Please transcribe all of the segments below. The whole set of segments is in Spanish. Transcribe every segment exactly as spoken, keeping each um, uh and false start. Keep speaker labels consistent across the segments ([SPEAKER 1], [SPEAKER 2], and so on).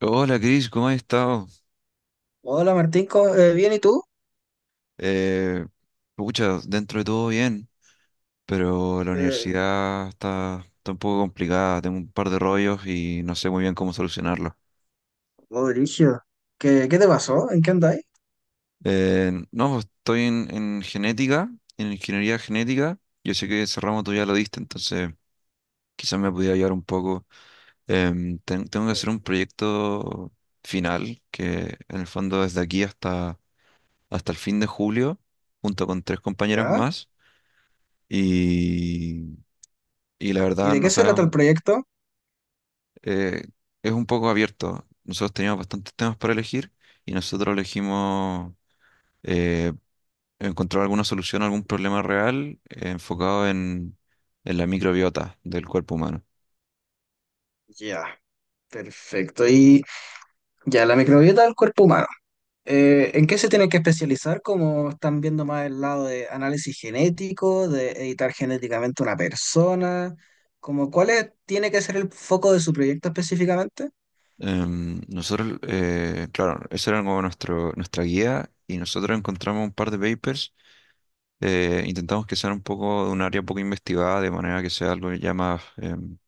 [SPEAKER 1] Hola Cris, ¿cómo has estado?
[SPEAKER 2] Hola Martín, ¿cómo- eh, ¿bien y tú?
[SPEAKER 1] Eh, Pucha, dentro de todo bien, pero la
[SPEAKER 2] Eh,
[SPEAKER 1] universidad está, está un poco complicada, tengo un par de rollos y no sé muy bien cómo solucionarlos.
[SPEAKER 2] oh, brígido. ¿Qué, qué te pasó? ¿En qué andáis?
[SPEAKER 1] Eh, no, pues, estoy en, en genética, en ingeniería genética, yo sé que ese ramo tú ya lo diste, entonces quizás me pudiera ayudar un poco. Em, ten- tengo que hacer
[SPEAKER 2] Eh,
[SPEAKER 1] un proyecto final, que en el fondo desde aquí hasta, hasta el fin de julio, junto con tres compañeras
[SPEAKER 2] ya.
[SPEAKER 1] más. Y y la
[SPEAKER 2] ¿Y
[SPEAKER 1] verdad
[SPEAKER 2] de
[SPEAKER 1] no
[SPEAKER 2] qué se trata el
[SPEAKER 1] sabemos,
[SPEAKER 2] proyecto?
[SPEAKER 1] eh, es un poco abierto. Nosotros teníamos bastantes temas para elegir y nosotros elegimos eh, encontrar alguna solución a algún problema real, eh, enfocado en, en la microbiota del cuerpo humano.
[SPEAKER 2] Ya, perfecto. Y ya, la microbiota del cuerpo humano. Eh, ¿en qué se tiene que especializar? ¿Como están viendo más el lado de análisis genético, de editar genéticamente una persona? Como, ¿cuál es- tiene que ser el foco de su proyecto específicamente?
[SPEAKER 1] Em, nosotros, eh, claro, esa era como nuestro, nuestra guía y nosotros encontramos un par de papers. Eh, intentamos que sean un poco de un área poco investigada, de manera que sea algo ya más em,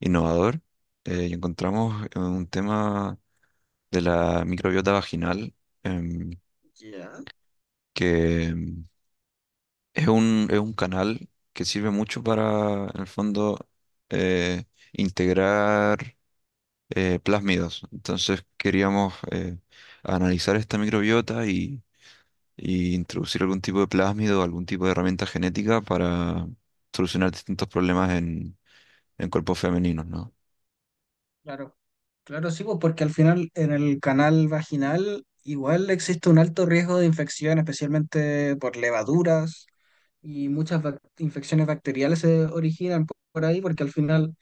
[SPEAKER 1] innovador. Eh, y encontramos eh, un tema de la microbiota vaginal, em,
[SPEAKER 2] Ya.
[SPEAKER 1] que em, es un, es un canal que sirve mucho para, en el fondo, eh, integrar eh, plásmidos. Entonces queríamos eh, analizar esta microbiota y, y introducir algún tipo de plásmido, algún tipo de herramienta genética para solucionar distintos problemas en, en cuerpos femeninos, ¿no?
[SPEAKER 2] Claro, claro, sí, pues, porque al final en el canal vaginal igual existe un alto riesgo de infección, especialmente por levaduras y muchas bac- infecciones bacteriales se originan po- por ahí, porque al final,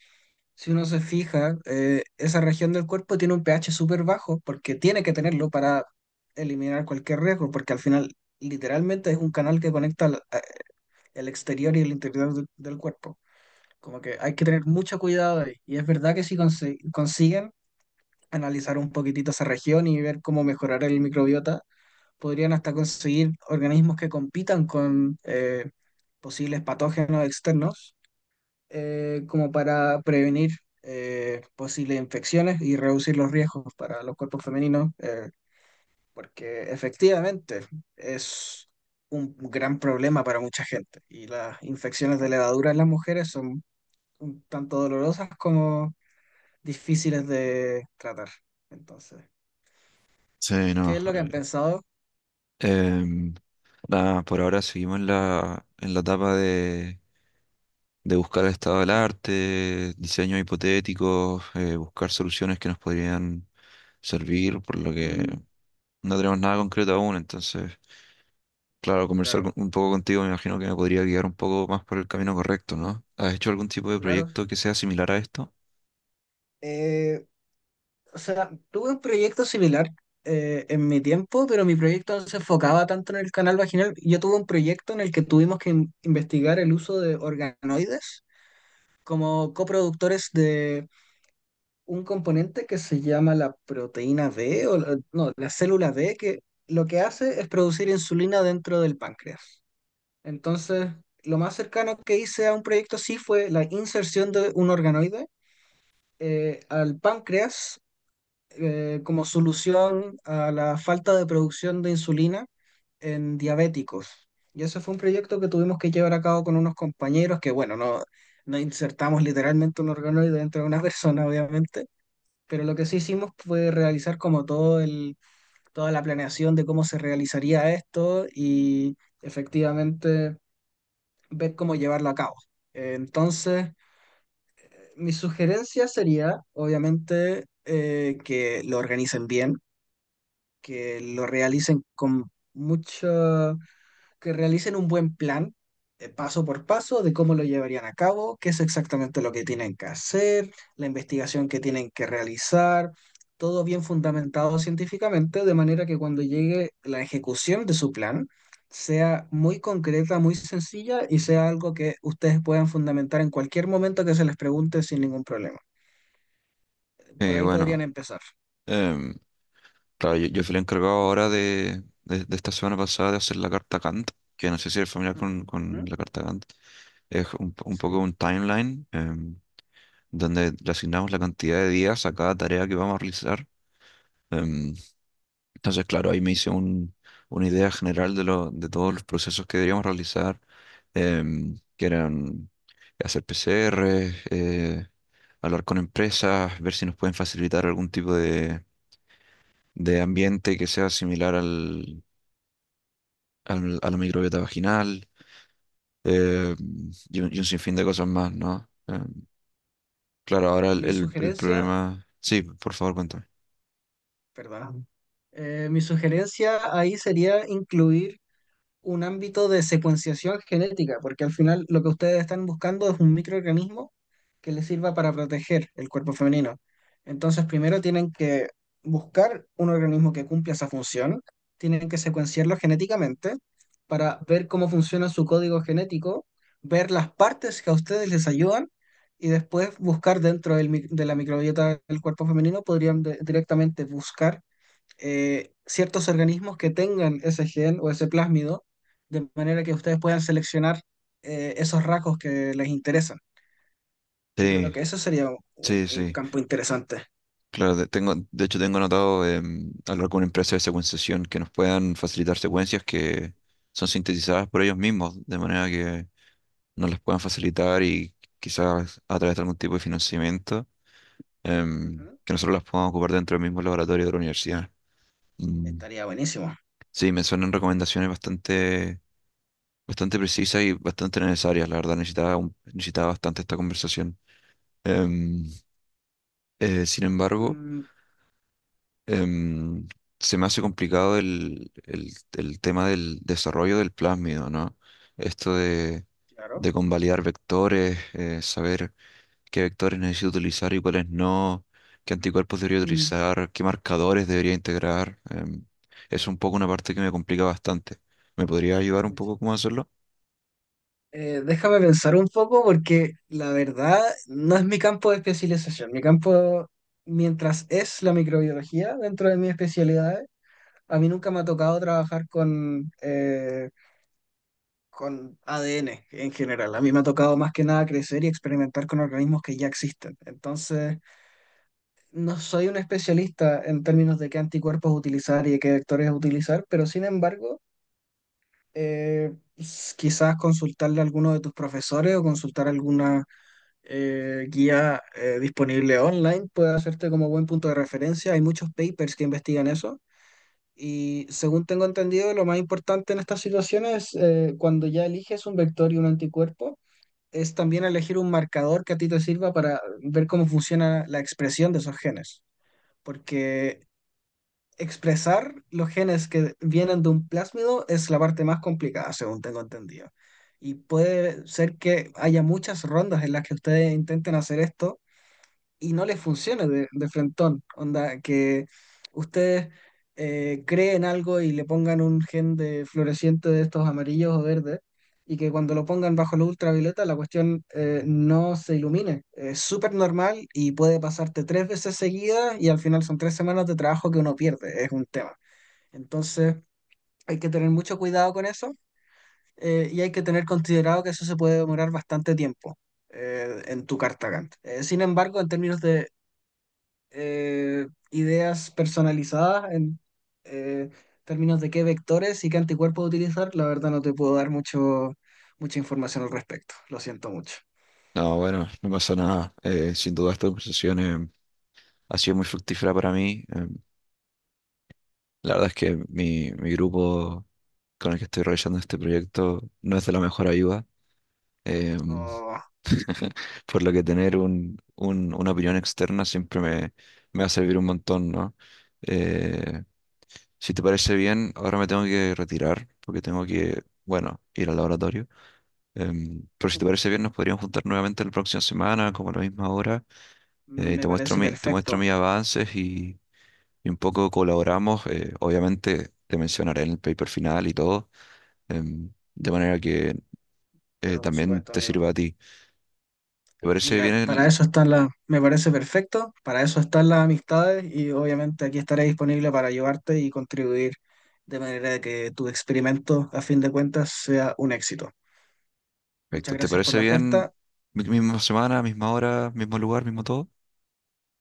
[SPEAKER 2] si uno se fija, eh, esa región del cuerpo tiene un pH súper bajo, porque tiene que tenerlo para eliminar cualquier riesgo, porque al final literalmente es un canal que conecta al- a- el exterior y el interior del del cuerpo. Como que hay que tener mucho cuidado ahí. Y es verdad que si consiguen analizar un poquitito esa región y ver cómo mejorar el microbiota. Podrían hasta conseguir organismos que compitan con eh, posibles patógenos externos, eh, como para prevenir eh, posibles infecciones y reducir los riesgos para los cuerpos femeninos, eh, porque efectivamente es un gran problema para mucha gente y las infecciones de levadura en las mujeres son un tanto dolorosas como difíciles de tratar. Entonces,
[SPEAKER 1] Sí,
[SPEAKER 2] ¿qué
[SPEAKER 1] no.
[SPEAKER 2] es lo que han
[SPEAKER 1] eh,
[SPEAKER 2] pensado?
[SPEAKER 1] em, Nada, por ahora seguimos en la, en la etapa de de buscar el estado del arte, diseños hipotéticos, eh, buscar soluciones que nos podrían servir, por lo que
[SPEAKER 2] Mm.
[SPEAKER 1] no tenemos nada concreto aún, entonces, claro, conversar con-
[SPEAKER 2] Claro,
[SPEAKER 1] un poco contigo me imagino que me podría guiar un poco más por el camino correcto, ¿no? ¿Has hecho algún tipo de
[SPEAKER 2] claro.
[SPEAKER 1] proyecto que sea similar a esto?
[SPEAKER 2] Eh, o sea, tuve un proyecto similar eh, en mi tiempo, pero mi proyecto no se enfocaba tanto en el canal vaginal. Yo tuve un proyecto en el que tuvimos que in- investigar el uso de organoides como coproductores de un componente que se llama la proteína B, o la- no, la célula B, que lo que hace es producir insulina dentro del páncreas. Entonces, lo más cercano que hice a un proyecto así fue la inserción de un organoide eh, al páncreas eh, como solución a la falta de producción de insulina en diabéticos. Y ese fue un proyecto que tuvimos que llevar a cabo con unos compañeros que, bueno, no, no insertamos literalmente un organoide dentro de una persona, obviamente, pero lo que sí hicimos fue realizar como todo el, toda la planeación de cómo se realizaría esto y efectivamente ver cómo llevarlo a cabo. Eh, Entonces... Mi sugerencia sería, obviamente, eh, que lo organicen bien, que lo realicen con mucho, que realicen un buen plan, eh, paso por paso, de cómo lo llevarían a cabo, qué es exactamente lo que tienen que hacer, la investigación que tienen que realizar, todo bien fundamentado científicamente, de manera que cuando llegue la ejecución de su plan, sea muy concreta, muy sencilla y sea algo que ustedes puedan fundamentar en cualquier momento que se les pregunte sin ningún problema. Por
[SPEAKER 1] Eh,
[SPEAKER 2] ahí
[SPEAKER 1] bueno,
[SPEAKER 2] podrían empezar.
[SPEAKER 1] em, claro, yo, yo fui el encargado ahora de, de, de esta semana pasada de hacer la carta Gantt, que no sé si eres familiar con, con
[SPEAKER 2] Ujú,
[SPEAKER 1] la carta Gantt, es un, po- un poco
[SPEAKER 2] sí.
[SPEAKER 1] un timeline. Donde le asignamos la cantidad de días a cada tarea que vamos a realizar. Em, Entonces, claro, ahí me hice un- una idea general de, lo- de todos los procesos que deberíamos realizar, em, que eran hacer P C R, eh, hablar con empresas, ver si nos pueden facilitar algún tipo de, de ambiente que sea similar al, al- a la microbiota vaginal, eh, y, un, y un sinfín de cosas más, ¿no? Em, claro, ahora el,
[SPEAKER 2] Mi
[SPEAKER 1] el- el
[SPEAKER 2] sugerencia,
[SPEAKER 1] problema... Sí, por favor, cuéntame.
[SPEAKER 2] perdón. Eh, mi sugerencia ahí sería incluir un ámbito de secuenciación genética, porque al final lo que ustedes están buscando es un microorganismo que les sirva para proteger el cuerpo femenino. Entonces, primero tienen que buscar un organismo que cumpla esa función, tienen que secuenciarlo genéticamente para ver cómo funciona su código genético, ver las partes que a ustedes les ayudan y después buscar dentro del mi- de la microbiota del cuerpo femenino, podrían de- directamente buscar eh, ciertos organismos que tengan ese gen o ese plásmido, de manera que ustedes puedan seleccionar eh, esos rasgos que les interesan. Yo
[SPEAKER 1] Sí,
[SPEAKER 2] creo que eso sería un,
[SPEAKER 1] sí,
[SPEAKER 2] un
[SPEAKER 1] sí.
[SPEAKER 2] campo interesante.
[SPEAKER 1] Claro, de- tengo, de hecho tengo anotado, em, hablar con una empresa de secuenciación que nos puedan facilitar secuencias que son sintetizadas por ellos mismos, de manera que nos las puedan facilitar y quizás a través de algún tipo de financiamiento, em,
[SPEAKER 2] Ujú.
[SPEAKER 1] que nosotros las podamos ocupar dentro del mismo laboratorio de la universidad. Mm,
[SPEAKER 2] Estaría buenísimo.
[SPEAKER 1] sí, me suenan recomendaciones bastante, bastante precisas y bastante necesarias. La verdad, necesitaba, un- necesitaba bastante esta conversación. Em, eh, Sin embargo...
[SPEAKER 2] Mm,
[SPEAKER 1] em, se me hace complicado el, el- el tema del desarrollo del plásmido, ¿no? Esto de,
[SPEAKER 2] claro.
[SPEAKER 1] de convalidar vectores, eh, saber qué vectores necesito utilizar y cuáles no, qué anticuerpos debería
[SPEAKER 2] Mm,
[SPEAKER 1] utilizar, qué marcadores debería integrar. Em, es un poco una parte que me complica bastante. ¿Me podría ayudar un
[SPEAKER 2] uy.
[SPEAKER 1] poco cómo hacerlo?
[SPEAKER 2] Eh, déjame pensar un poco porque la verdad no es mi campo de especialización. Mi campo, mientras es la microbiología dentro de mis especialidades, a mí nunca me ha tocado trabajar con eh, con A D N en general. A mí me ha tocado más que nada crecer y experimentar con organismos que ya existen. Entonces, no soy un especialista en términos de qué anticuerpos utilizar y de qué vectores utilizar, pero sin embargo, eh, s- quizás consultarle a alguno de tus profesores o consultar alguna eh, guía eh, disponible online puede hacerte como buen punto de referencia. Hay muchos papers que investigan eso. Y según tengo entendido, lo más importante en estas situaciones, eh, cuando ya eliges un vector y un anticuerpo, es también elegir un marcador que a ti te sirva para ver cómo funciona la expresión de esos genes. Porque expresar los genes que vienen de un plásmido es la parte más complicada, según tengo entendido. Y puede ser que haya muchas rondas en las que ustedes intenten hacer esto y no les funcione de, de frentón. Onda, que ustedes eh, creen algo y le pongan un gen de floreciente de estos amarillos o verdes, y que cuando lo pongan bajo la ultravioleta la cuestión eh, no se ilumine. Es súper normal y puede pasarte tres veces seguidas y al final son tres semanas de trabajo que uno pierde. Es un tema. Entonces, hay que tener mucho cuidado con eso. Eh, y hay que tener considerado que eso se puede demorar bastante tiempo eh, en tu carta Gantt. Eh, sin embargo, en términos de eh, ideas personalizadas en eh, términos de qué vectores y qué anticuerpos utilizar, la verdad no te puedo dar mucho, mucha información al respecto. Lo siento mucho.
[SPEAKER 1] No, bueno, no pasa nada. Eh, sin duda esta conversación, em, ha sido muy fructífera para mí. em, La verdad es que mi, mi grupo con el que estoy realizando este proyecto no es de la mejor ayuda. em,
[SPEAKER 2] No,
[SPEAKER 1] por lo que tener un, un- una opinión externa siempre me, me va a servir un montón, ¿no? Eh, si te parece bien, ahora me tengo que retirar porque tengo que, bueno, ir al laboratorio. Em, pero si te parece bien, nos podríamos juntar nuevamente la próxima semana, como a la misma hora. Eh, y te
[SPEAKER 2] me
[SPEAKER 1] muestro
[SPEAKER 2] parece
[SPEAKER 1] mi, te muestro
[SPEAKER 2] perfecto,
[SPEAKER 1] mis avances y un poco colaboramos, eh, obviamente te mencionaré en el paper final y todo, em, de manera que eh,
[SPEAKER 2] pero por
[SPEAKER 1] también
[SPEAKER 2] supuesto,
[SPEAKER 1] te
[SPEAKER 2] amigo.
[SPEAKER 1] sirva a ti. ¿Te parece bien
[SPEAKER 2] Mira, para
[SPEAKER 1] el...
[SPEAKER 2] eso están las, me parece perfecto, para eso están las amistades y obviamente aquí estaré disponible para ayudarte y contribuir de manera que tu experimento, a fin de cuentas, sea un éxito.
[SPEAKER 1] Perfecto,
[SPEAKER 2] Muchas
[SPEAKER 1] ¿te
[SPEAKER 2] gracias por
[SPEAKER 1] parece
[SPEAKER 2] la
[SPEAKER 1] bien?
[SPEAKER 2] oferta.
[SPEAKER 1] Mi- Misma semana, misma hora, mismo lugar, mismo todo.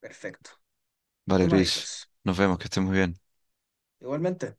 [SPEAKER 2] Perfecto.
[SPEAKER 1] Vale,
[SPEAKER 2] Tú me
[SPEAKER 1] Chris,
[SPEAKER 2] avisas.
[SPEAKER 1] nos vemos, que estés muy bien.
[SPEAKER 2] Igualmente.